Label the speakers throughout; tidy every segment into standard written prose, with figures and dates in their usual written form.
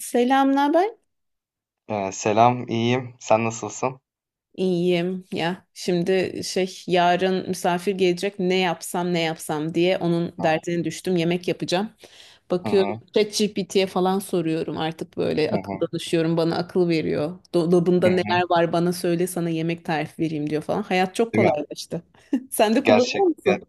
Speaker 1: Selam, ne haber?
Speaker 2: Selam, iyiyim. Sen nasılsın?
Speaker 1: İyiyim ya. Şimdi şey yarın misafir gelecek ne yapsam ne yapsam diye onun
Speaker 2: Hı
Speaker 1: derdine düştüm. Yemek yapacağım. Bakıyorum
Speaker 2: hı,
Speaker 1: ChatGPT'ye falan soruyorum artık böyle
Speaker 2: hı
Speaker 1: akıl
Speaker 2: hı,
Speaker 1: danışıyorum bana akıl veriyor.
Speaker 2: hı
Speaker 1: Dolabında neler
Speaker 2: hı.
Speaker 1: var bana söyle sana yemek tarifi vereyim diyor falan. Hayat çok
Speaker 2: Değil mi?
Speaker 1: kolaylaştı. Sen de
Speaker 2: Gerçek
Speaker 1: kullanıyor musun?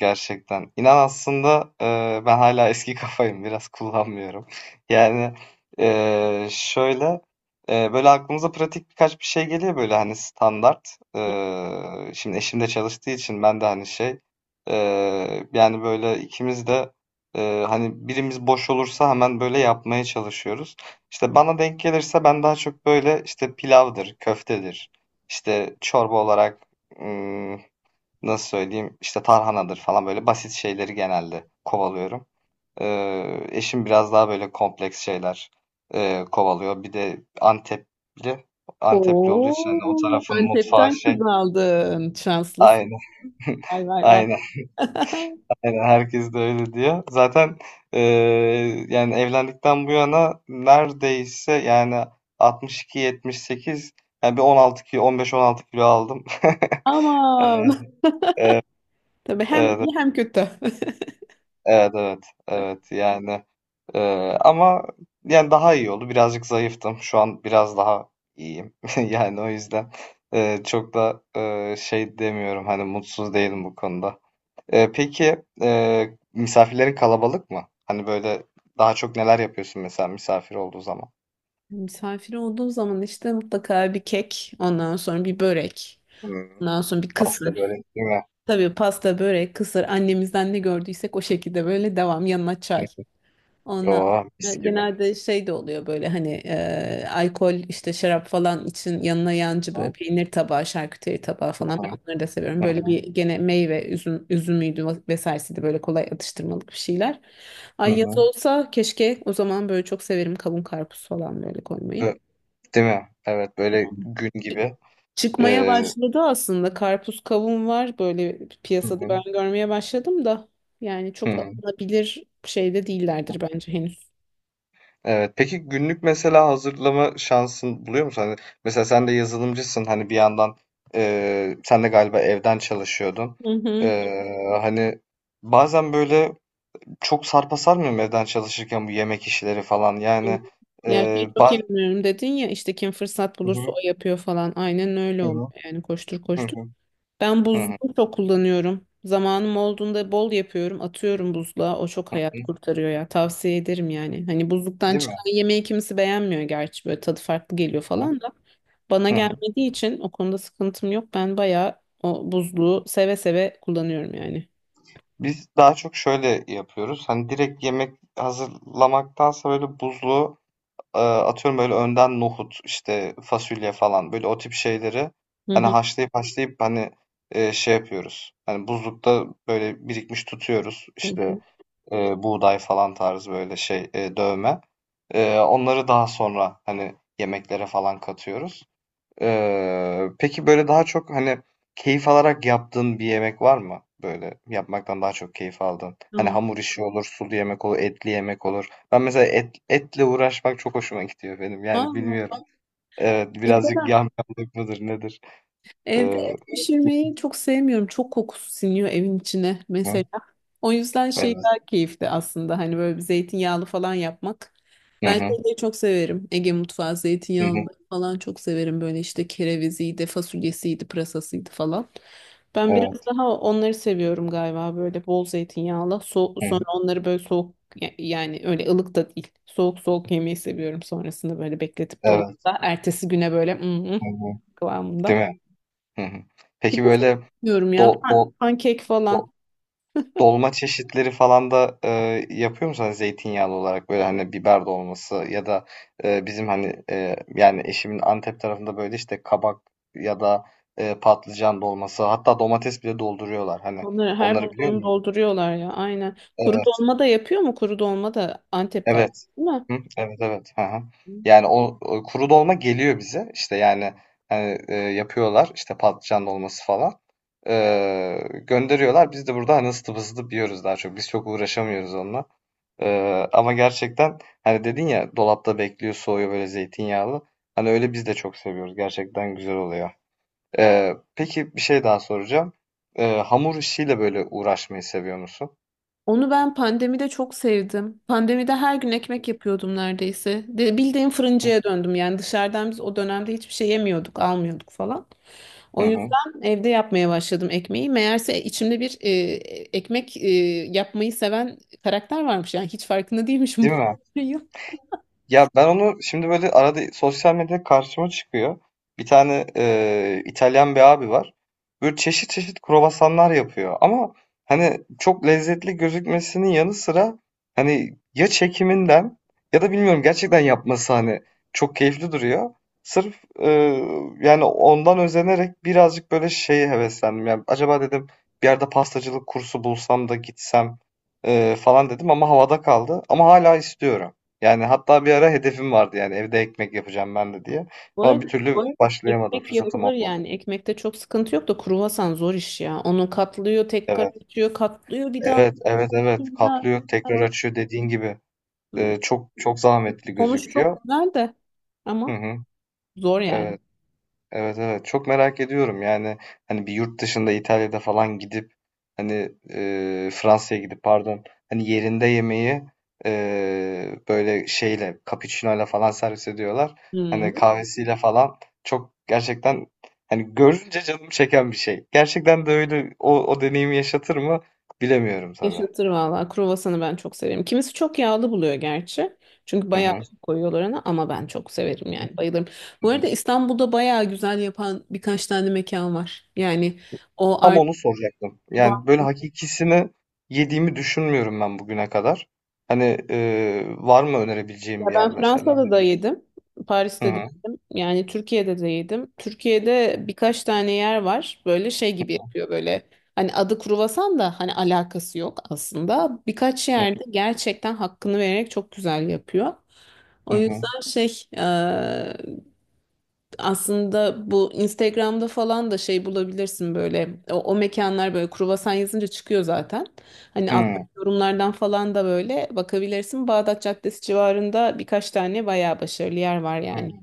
Speaker 2: Gerçekten. İnan aslında, ben hala eski kafayım. Biraz kullanmıyorum. Yani, şöyle böyle aklımıza pratik birkaç bir şey geliyor, böyle hani standart. Şimdi eşim de çalıştığı için, ben de hani şey, yani böyle ikimiz de, hani birimiz boş olursa hemen böyle yapmaya çalışıyoruz. İşte bana denk gelirse, ben daha çok böyle işte pilavdır, köftedir, işte çorba olarak nasıl söyleyeyim, işte tarhanadır falan, böyle basit şeyleri genelde kovalıyorum. Eşim biraz daha böyle kompleks şeyler kovalıyor. Bir de Antepli olduğu için hani o
Speaker 1: Oo,
Speaker 2: tarafın mutfağı
Speaker 1: Antep'ten kız
Speaker 2: şey.
Speaker 1: aldın. Şanslısın.
Speaker 2: Aynen,
Speaker 1: Vay vay vay.
Speaker 2: aynen, aynen. Herkes de öyle diyor. Zaten, e, yani evlendikten bu yana neredeyse, yani 62-78, yani bir 16 kilo, 15-16 kilo aldım. Evet,
Speaker 1: Aman.
Speaker 2: evet,
Speaker 1: Tabii hem iyi hem kötü.
Speaker 2: evet, evet, evet. Yani, ama yani daha iyi oldu. Birazcık zayıftım. Şu an biraz daha iyiyim. Yani o yüzden çok da şey demiyorum. Hani mutsuz değilim bu konuda. Peki, misafirlerin kalabalık mı? Hani böyle daha çok neler yapıyorsun mesela misafir olduğu zaman?
Speaker 1: Misafir olduğu zaman işte mutlaka bir kek, ondan sonra bir börek,
Speaker 2: Hmm,
Speaker 1: ondan sonra bir
Speaker 2: pasta
Speaker 1: kısır.
Speaker 2: börek değil mi?
Speaker 1: Tabii pasta, börek, kısır annemizden ne gördüysek o şekilde böyle devam yanına çay. Ondan
Speaker 2: Oo, mis
Speaker 1: sonra
Speaker 2: gibi.
Speaker 1: genelde şey de oluyor böyle hani alkol işte şarap falan için yanına yancı böyle
Speaker 2: Hı
Speaker 1: peynir tabağı, şarküteri tabağı falan ben
Speaker 2: hı,
Speaker 1: onları da seviyorum. Böyle bir gene meyve, üzümüydü vesairesiydi böyle kolay atıştırmalık bir şeyler.
Speaker 2: hı
Speaker 1: Ay
Speaker 2: hı.
Speaker 1: yaz olsa keşke o zaman böyle çok severim kavun karpuz falan böyle koymayı.
Speaker 2: Bö- Değil mi? Evet, böyle
Speaker 1: Anladım.
Speaker 2: gün gibi.
Speaker 1: Çıkmaya
Speaker 2: Eee,
Speaker 1: başladı aslında. Karpuz kavun var böyle
Speaker 2: hı
Speaker 1: piyasada
Speaker 2: hı,
Speaker 1: ben görmeye başladım da. Yani
Speaker 2: hı
Speaker 1: çok
Speaker 2: hı.
Speaker 1: alınabilir şeyde değillerdir bence henüz.
Speaker 2: Evet. Peki, günlük mesela hazırlama şansın buluyor musun? Hani mesela sen de yazılımcısın. Hani bir yandan, sen de galiba evden çalışıyordun.
Speaker 1: Hı hı.
Speaker 2: Hani bazen böyle çok sarpa sarmıyor mu evden çalışırken bu yemek işleri falan? Yani
Speaker 1: Ya
Speaker 2: eee
Speaker 1: şey çok
Speaker 2: baz-
Speaker 1: inanıyorum dedin ya işte kim fırsat
Speaker 2: Hı
Speaker 1: bulursa
Speaker 2: hı,
Speaker 1: o yapıyor falan. Aynen öyle
Speaker 2: hı
Speaker 1: oluyor
Speaker 2: hı,
Speaker 1: yani koştur koştur. Ben
Speaker 2: hı hı,
Speaker 1: buzluğu
Speaker 2: hı
Speaker 1: çok kullanıyorum. Zamanım olduğunda bol yapıyorum. Atıyorum buzluğa. O çok
Speaker 2: hı.
Speaker 1: hayat kurtarıyor ya. Tavsiye ederim yani. Hani buzluktan
Speaker 2: Değil mi?
Speaker 1: çıkan yemeği kimisi beğenmiyor gerçi. Böyle tadı farklı geliyor
Speaker 2: Hı
Speaker 1: falan da. Bana
Speaker 2: hı, hı.
Speaker 1: gelmediği için o konuda sıkıntım yok. Ben bayağı o buzluğu seve seve kullanıyorum yani.
Speaker 2: Biz daha çok şöyle yapıyoruz. Hani direkt yemek hazırlamaktansa, böyle buzlu. Atıyorum, böyle önden nohut, işte fasulye falan, böyle o tip şeyleri
Speaker 1: Hı
Speaker 2: hani
Speaker 1: hı.
Speaker 2: haşlayıp haşlayıp hani, şey yapıyoruz. Hani buzlukta böyle birikmiş tutuyoruz.
Speaker 1: Hı
Speaker 2: İşte,
Speaker 1: hı.
Speaker 2: buğday falan tarzı böyle şey, dövme. Onları daha sonra hani yemeklere falan katıyoruz. Peki böyle daha çok hani keyif alarak yaptığın bir yemek var mı? Böyle yapmaktan daha çok keyif aldın. Hani
Speaker 1: Aa,
Speaker 2: hamur işi olur, sulu yemek olur, etli yemek olur. Ben mesela etle uğraşmak çok hoşuma gidiyor benim. Yani
Speaker 1: vallahi.
Speaker 2: bilmiyorum. Evet,
Speaker 1: Evde
Speaker 2: birazcık
Speaker 1: de
Speaker 2: yamyamlık mıdır nedir?
Speaker 1: Evde
Speaker 2: Eee,
Speaker 1: et pişirmeyi çok sevmiyorum. Çok kokusu siniyor evin içine
Speaker 2: hı,
Speaker 1: mesela. O yüzden şey
Speaker 2: evet.
Speaker 1: daha keyifli aslında. Hani böyle bir zeytinyağlı falan yapmak.
Speaker 2: Hı
Speaker 1: Ben
Speaker 2: hı,
Speaker 1: şeyleri çok severim. Ege mutfağı
Speaker 2: hı
Speaker 1: zeytinyağlı
Speaker 2: hı,
Speaker 1: falan çok severim. Böyle işte kereviziydi, fasulyesiydi, pırasasıydı falan. Ben biraz
Speaker 2: evet.
Speaker 1: daha onları seviyorum galiba böyle bol zeytinyağlı. So
Speaker 2: Hı
Speaker 1: sonra
Speaker 2: hı,
Speaker 1: onları böyle soğuk yani öyle ılık da değil. Soğuk soğuk yemeyi seviyorum sonrasında böyle bekletip
Speaker 2: evet.
Speaker 1: dolapta. Ertesi güne böyle mm,
Speaker 2: Hı hı.
Speaker 1: kıvamında.
Speaker 2: Değil mi? Hı hı.
Speaker 1: Bir
Speaker 2: Peki
Speaker 1: de şey
Speaker 2: böyle
Speaker 1: diyorum ya
Speaker 2: do, do,
Speaker 1: pankek falan.
Speaker 2: do- dolma çeşitleri falan da, yapıyor musun? Hani zeytinyağlı olarak böyle, hani, biber dolması ya da, bizim, hani, yani eşimin Antep tarafında böyle, işte, kabak ya da, patlıcan dolması, hatta domates bile dolduruyorlar, hani.
Speaker 1: Onları her
Speaker 2: Onları biliyor
Speaker 1: bulduğunu
Speaker 2: muydun?
Speaker 1: dolduruyorlar ya aynen. Kuru
Speaker 2: Evet,
Speaker 1: dolma da yapıyor mu? Kuru dolma da Antep galiba
Speaker 2: evet.
Speaker 1: değil
Speaker 2: Hı, evet, evet. Hı hı.
Speaker 1: mi?
Speaker 2: Yani o kuru dolma geliyor bize. İşte, yani, hani, yapıyorlar, işte, patlıcan dolması falan. Eee, Gönderiyorlar. Biz de burada, hani, ısıtıp ısıtıp yiyoruz daha çok. Biz çok uğraşamıyoruz onunla. Ama gerçekten hani dedin ya, dolapta bekliyor, soğuyor böyle zeytinyağlı. Hani öyle biz de çok seviyoruz. Gerçekten güzel oluyor. Peki, bir şey daha soracağım. Hamur işiyle böyle uğraşmayı seviyor musun?
Speaker 1: Onu ben pandemide çok sevdim. Pandemide her gün ekmek yapıyordum neredeyse. De, bildiğim fırıncıya döndüm yani dışarıdan biz o dönemde hiçbir şey yemiyorduk, almıyorduk falan.
Speaker 2: Hı
Speaker 1: O
Speaker 2: hı.
Speaker 1: yüzden evde yapmaya başladım ekmeği. Meğerse içimde bir ekmek yapmayı seven karakter varmış. Yani hiç farkında değilmişim.
Speaker 2: Değil mi? Ya ben onu şimdi böyle arada, sosyal medyada karşıma çıkıyor. Bir tane İtalyan bir abi var. Böyle çeşit çeşit kruvasanlar yapıyor. Ama hani çok lezzetli gözükmesinin yanı sıra, hani ya çekiminden, ya da bilmiyorum, gerçekten yapması hani çok keyifli duruyor. Sırf, yani ondan özenerek birazcık böyle şeye heveslendim. Yani acaba dedim, bir yerde pastacılık kursu bulsam da gitsem, falan dedim ama havada kaldı. Ama hala istiyorum. Yani hatta bir ara hedefim vardı, yani evde ekmek yapacağım ben de diye.
Speaker 1: Bu
Speaker 2: Ama
Speaker 1: arada
Speaker 2: bir türlü öyle başlayamadım,
Speaker 1: ekmek
Speaker 2: fırsatım
Speaker 1: yapılır
Speaker 2: olmadı.
Speaker 1: yani. Ekmekte çok sıkıntı yok da kruvasan zor iş ya. Onu katlıyor, tekrar
Speaker 2: Evet,
Speaker 1: açıyor, katlıyor bir daha.
Speaker 2: evet, evet, evet.
Speaker 1: Bir daha.
Speaker 2: Katlıyor, tekrar
Speaker 1: Yani
Speaker 2: açıyor dediğin gibi. Çok çok zahmetli
Speaker 1: sonuç
Speaker 2: gözüküyor.
Speaker 1: çok güzel de
Speaker 2: Hı
Speaker 1: ama.
Speaker 2: hı,
Speaker 1: Zor yani.
Speaker 2: evet. Evet, evet, çok merak ediyorum yani, hani bir yurt dışında, İtalya'da falan gidip, hani, Fransa'ya gidip pardon, hani yerinde yemeği, böyle şeyle, cappuccino'yla falan servis ediyorlar. Hani
Speaker 1: Hmm.
Speaker 2: kahvesiyle falan, çok gerçekten hani görünce canım çeken bir şey. Gerçekten de öyle, o deneyimi yaşatır mı bilemiyorum tabii.
Speaker 1: Yaşatır valla. Kruvasanı ben çok severim. Kimisi çok yağlı buluyor gerçi. Çünkü
Speaker 2: Hı
Speaker 1: bayağı
Speaker 2: hı.
Speaker 1: yağ koyuyorlar ona ama ben çok severim yani bayılırım. Bu arada İstanbul'da bayağı güzel yapan birkaç tane mekan var. Yani o
Speaker 2: Tam
Speaker 1: art
Speaker 2: onu soracaktım.
Speaker 1: var.
Speaker 2: Yani böyle hakikisini yediğimi düşünmüyorum ben bugüne kadar. Hani, var mı
Speaker 1: Ya
Speaker 2: önerebileceğim bir yer
Speaker 1: ben
Speaker 2: mesela,
Speaker 1: Fransa'da da
Speaker 2: dedim.
Speaker 1: yedim.
Speaker 2: Hı
Speaker 1: Paris'te de
Speaker 2: hı.
Speaker 1: yedim. Yani Türkiye'de de yedim. Türkiye'de birkaç tane yer var. Böyle şey gibi yapıyor böyle. Hani adı kruvasan da hani alakası yok aslında. Birkaç yerde gerçekten hakkını vererek çok güzel yapıyor.
Speaker 2: Hı
Speaker 1: O
Speaker 2: hı.
Speaker 1: yüzden şey aslında bu Instagram'da falan da şey bulabilirsin böyle o mekanlar böyle kruvasan yazınca çıkıyor zaten. Hani
Speaker 2: Hı
Speaker 1: alttaki
Speaker 2: hı.
Speaker 1: yorumlardan falan da böyle bakabilirsin. Bağdat Caddesi civarında birkaç tane bayağı başarılı yer var yani.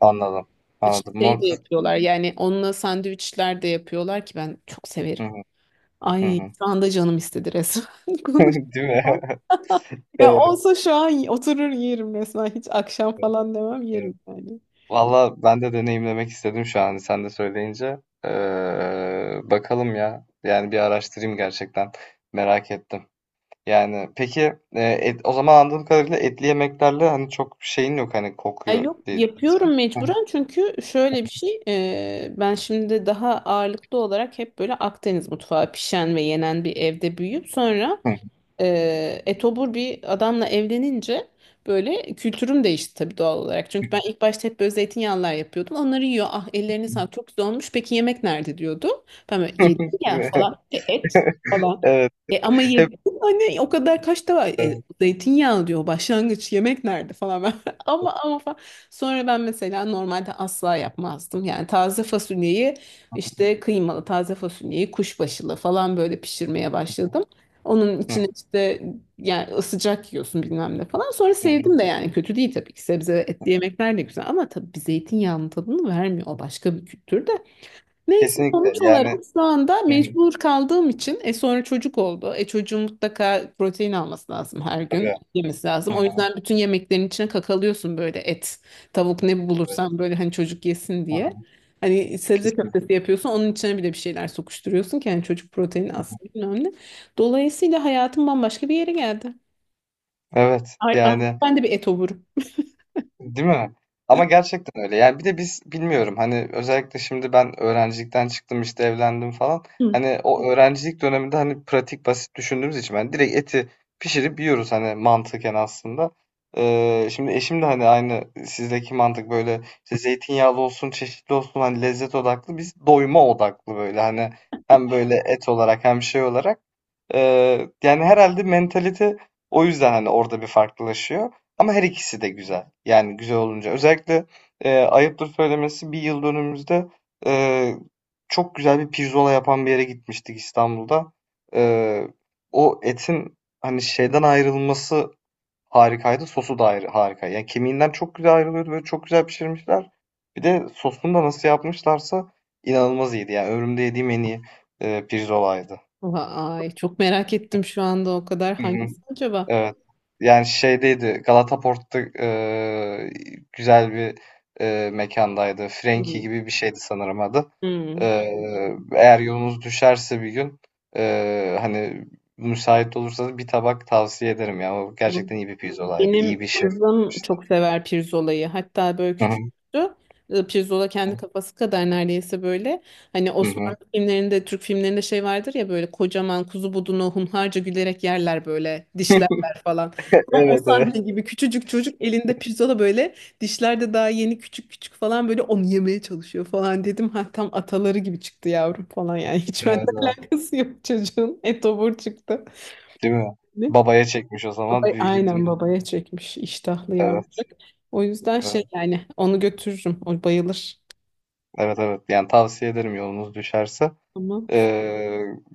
Speaker 2: Anladım. Anladım.
Speaker 1: Şey de
Speaker 2: Muhakkak.
Speaker 1: yapıyorlar yani onunla sandviçler de yapıyorlar ki ben çok severim.
Speaker 2: Hı hı. Hı
Speaker 1: Ay
Speaker 2: hı.
Speaker 1: şu anda canım istedi resmen
Speaker 2: Değil mi?
Speaker 1: konuşmaktan. Ya
Speaker 2: Evet,
Speaker 1: olsa şu an oturur yerim resmen hiç akşam falan demem
Speaker 2: evet.
Speaker 1: yerim yani.
Speaker 2: Valla ben de deneyimlemek istedim şu an sen de söyleyince. Bakalım ya. Yani bir araştırayım gerçekten. Merak ettim. Yani peki, o zaman anladığım kadarıyla etli yemeklerle hani çok bir şeyin yok, hani
Speaker 1: Ya
Speaker 2: kokuyor
Speaker 1: yok
Speaker 2: dedi.
Speaker 1: yapıyorum mecburen çünkü şöyle bir şey ben şimdi daha ağırlıklı olarak hep böyle Akdeniz mutfağı pişen ve yenen bir evde büyüyüp sonra etobur bir adamla evlenince böyle kültürüm değişti tabii doğal olarak. Çünkü ben ilk başta hep böyle zeytinyağlılar yapıyordum. Onları yiyor. Ah ellerini sağlık çok güzel olmuş. Peki yemek nerede diyordu. Ben böyle yedim ya falan. E, et falan.
Speaker 2: Evet.
Speaker 1: E, ama
Speaker 2: Hep
Speaker 1: yedim. Hani o kadar kaç da var.
Speaker 2: Hı,
Speaker 1: E, zeytinyağlı diyor başlangıç yemek nerede falan. Ben, ama falan. Sonra ben mesela normalde asla yapmazdım. Yani taze fasulyeyi işte kıymalı taze fasulyeyi kuşbaşılı falan böyle pişirmeye başladım. Onun
Speaker 2: hı,
Speaker 1: içine işte yani sıcak yiyorsun bilmem ne falan. Sonra sevdim
Speaker 2: hı.
Speaker 1: de yani kötü değil tabii ki. Sebze ve etli yemekler de güzel ama tabii bir zeytinyağının tadını vermiyor. O başka bir kültür de. Neyse
Speaker 2: Kesinlikle
Speaker 1: sonuç olarak
Speaker 2: yani,
Speaker 1: şu anda
Speaker 2: hı, hı,
Speaker 1: mecbur kaldığım için sonra çocuk oldu. E çocuğun mutlaka protein alması lazım her gün
Speaker 2: tabii.
Speaker 1: yemesi
Speaker 2: Hı,
Speaker 1: lazım. O
Speaker 2: hı,
Speaker 1: yüzden bütün yemeklerin içine kakalıyorsun böyle et, tavuk ne
Speaker 2: evet.
Speaker 1: bulursan böyle hani çocuk yesin
Speaker 2: Hı,
Speaker 1: diye.
Speaker 2: hı,
Speaker 1: Hani sebze
Speaker 2: kesinlikle.
Speaker 1: köftesi yapıyorsun onun içine bile bir şeyler sokuşturuyorsun ki hani çocuk proteini aslında önemli. Dolayısıyla hayatım bambaşka bir yere geldi.
Speaker 2: Evet
Speaker 1: Ay,
Speaker 2: yani.
Speaker 1: artık ben de bir et ovurum.
Speaker 2: Değil mi? Ama gerçekten öyle. Yani bir de biz bilmiyorum, hani özellikle şimdi ben öğrencilikten çıktım, işte evlendim falan.
Speaker 1: Hı.
Speaker 2: Hani o öğrencilik döneminde hani pratik basit düşündüğümüz için, ben direkt eti pişirip yiyoruz hani, mantıken aslında. Şimdi eşim de hani aynı sizdeki mantık, böyle işte zeytinyağlı olsun, çeşitli olsun, hani lezzet odaklı, biz doyuma odaklı, böyle hani hem böyle et olarak hem şey olarak. Yani herhalde mentalite o yüzden, hani, orada bir farklılaşıyor, ama her ikisi de güzel. Yani güzel olunca. Özellikle, ayıptır söylemesi, bir yıldönümümüzde, eee, çok güzel bir pirzola yapan bir yere gitmiştik İstanbul'da. Eee, O etin, hani, şeyden ayrılması harikaydı, sosu da ayrı harika. Yani kemiğinden çok güzel ayrılıyordu, böyle, çok güzel pişirmişler. Bir de sosunu da nasıl yapmışlarsa inanılmaz iyiydi. Yani ömrümde yediğim en iyi, pirzolaydı.
Speaker 1: Vay çok merak ettim şu anda o kadar
Speaker 2: Hı hı.
Speaker 1: hangisi acaba?
Speaker 2: Evet. Yani şeydeydi, Galataport'ta, güzel bir, mekândaydı. Frenki
Speaker 1: Hı.
Speaker 2: gibi bir şeydi sanırım adı. Eğer yolunuz düşerse bir gün, hani, müsait olursanız bir tabak tavsiye ederim ya. O
Speaker 1: Hı.
Speaker 2: gerçekten iyi bir pizzolaydı.
Speaker 1: Benim
Speaker 2: İyi bir şey.
Speaker 1: kızım çok sever pirzolayı. Hatta böyle
Speaker 2: Hı hı.
Speaker 1: küçüktü. E, pirzola kendi kafası kadar neredeyse böyle. Hani
Speaker 2: Hı hı.
Speaker 1: Osmanlı filmlerinde, Türk filmlerinde şey vardır ya böyle kocaman kuzu budunu hunharca gülerek yerler böyle dişlerler falan.
Speaker 2: Evet,
Speaker 1: Tam o
Speaker 2: evet.
Speaker 1: sahne gibi küçücük çocuk elinde pirzola böyle dişler de daha yeni küçük küçük falan böyle onu yemeye çalışıyor falan dedim. Ha tam ataları gibi çıktı yavrum falan yani. Hiç benden
Speaker 2: Evet, evet.
Speaker 1: alakası yok çocuğun. Etobur çıktı.
Speaker 2: Değil mi? Babaya çekmiş o
Speaker 1: Baba,
Speaker 2: zaman, büyük
Speaker 1: aynen
Speaker 2: ihtimal.
Speaker 1: babaya çekmiş iştahlı
Speaker 2: Evet,
Speaker 1: yavrucak. O yüzden şey
Speaker 2: evet.
Speaker 1: yani onu götürürüm. O bayılır.
Speaker 2: Evet, evet. Yani tavsiye ederim yolunuz düşerse.
Speaker 1: Tamam.
Speaker 2: Ee,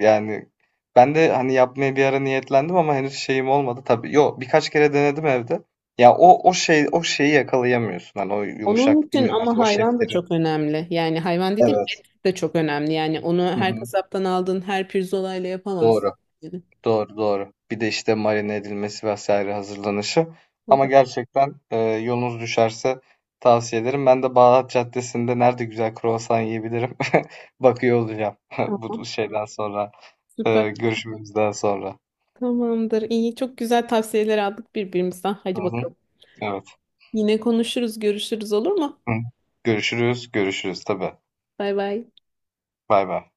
Speaker 2: Yani ben de hani yapmaya bir ara niyetlendim ama henüz şeyim olmadı. Tabii yok, birkaç kere denedim evde. Ya o şeyi yakalayamıyorsun. Hani o
Speaker 1: Onun
Speaker 2: yumuşak,
Speaker 1: için
Speaker 2: bilmiyorum
Speaker 1: ama
Speaker 2: artık o
Speaker 1: hayvan da
Speaker 2: şeflerin.
Speaker 1: çok önemli. Yani hayvan dediğim
Speaker 2: Evet.
Speaker 1: et de çok önemli. Yani onu
Speaker 2: Hı
Speaker 1: her
Speaker 2: hı.
Speaker 1: kasaptan aldığın her pirzolayla yapamazsın.
Speaker 2: Doğru.
Speaker 1: Yani.
Speaker 2: Doğru, doğru. Bir de işte marine edilmesi vesaire, hazırlanışı. Ama
Speaker 1: Baba,
Speaker 2: gerçekten, yolunuz düşerse tavsiye ederim. Ben de Bağdat Caddesi'nde nerede güzel kruvasan yiyebilirim bakıyor olacağım bu
Speaker 1: tamam.
Speaker 2: şeyden sonra,
Speaker 1: Süper.
Speaker 2: görüşmemizden sonra.
Speaker 1: Tamamdır. İyi. Çok güzel tavsiyeler aldık birbirimizden.
Speaker 2: Hı
Speaker 1: Hadi
Speaker 2: hı.
Speaker 1: bakalım.
Speaker 2: Evet.
Speaker 1: Yine konuşuruz, görüşürüz olur mu?
Speaker 2: Hı. Görüşürüz, görüşürüz tabii.
Speaker 1: Bay bay.
Speaker 2: Bay bay.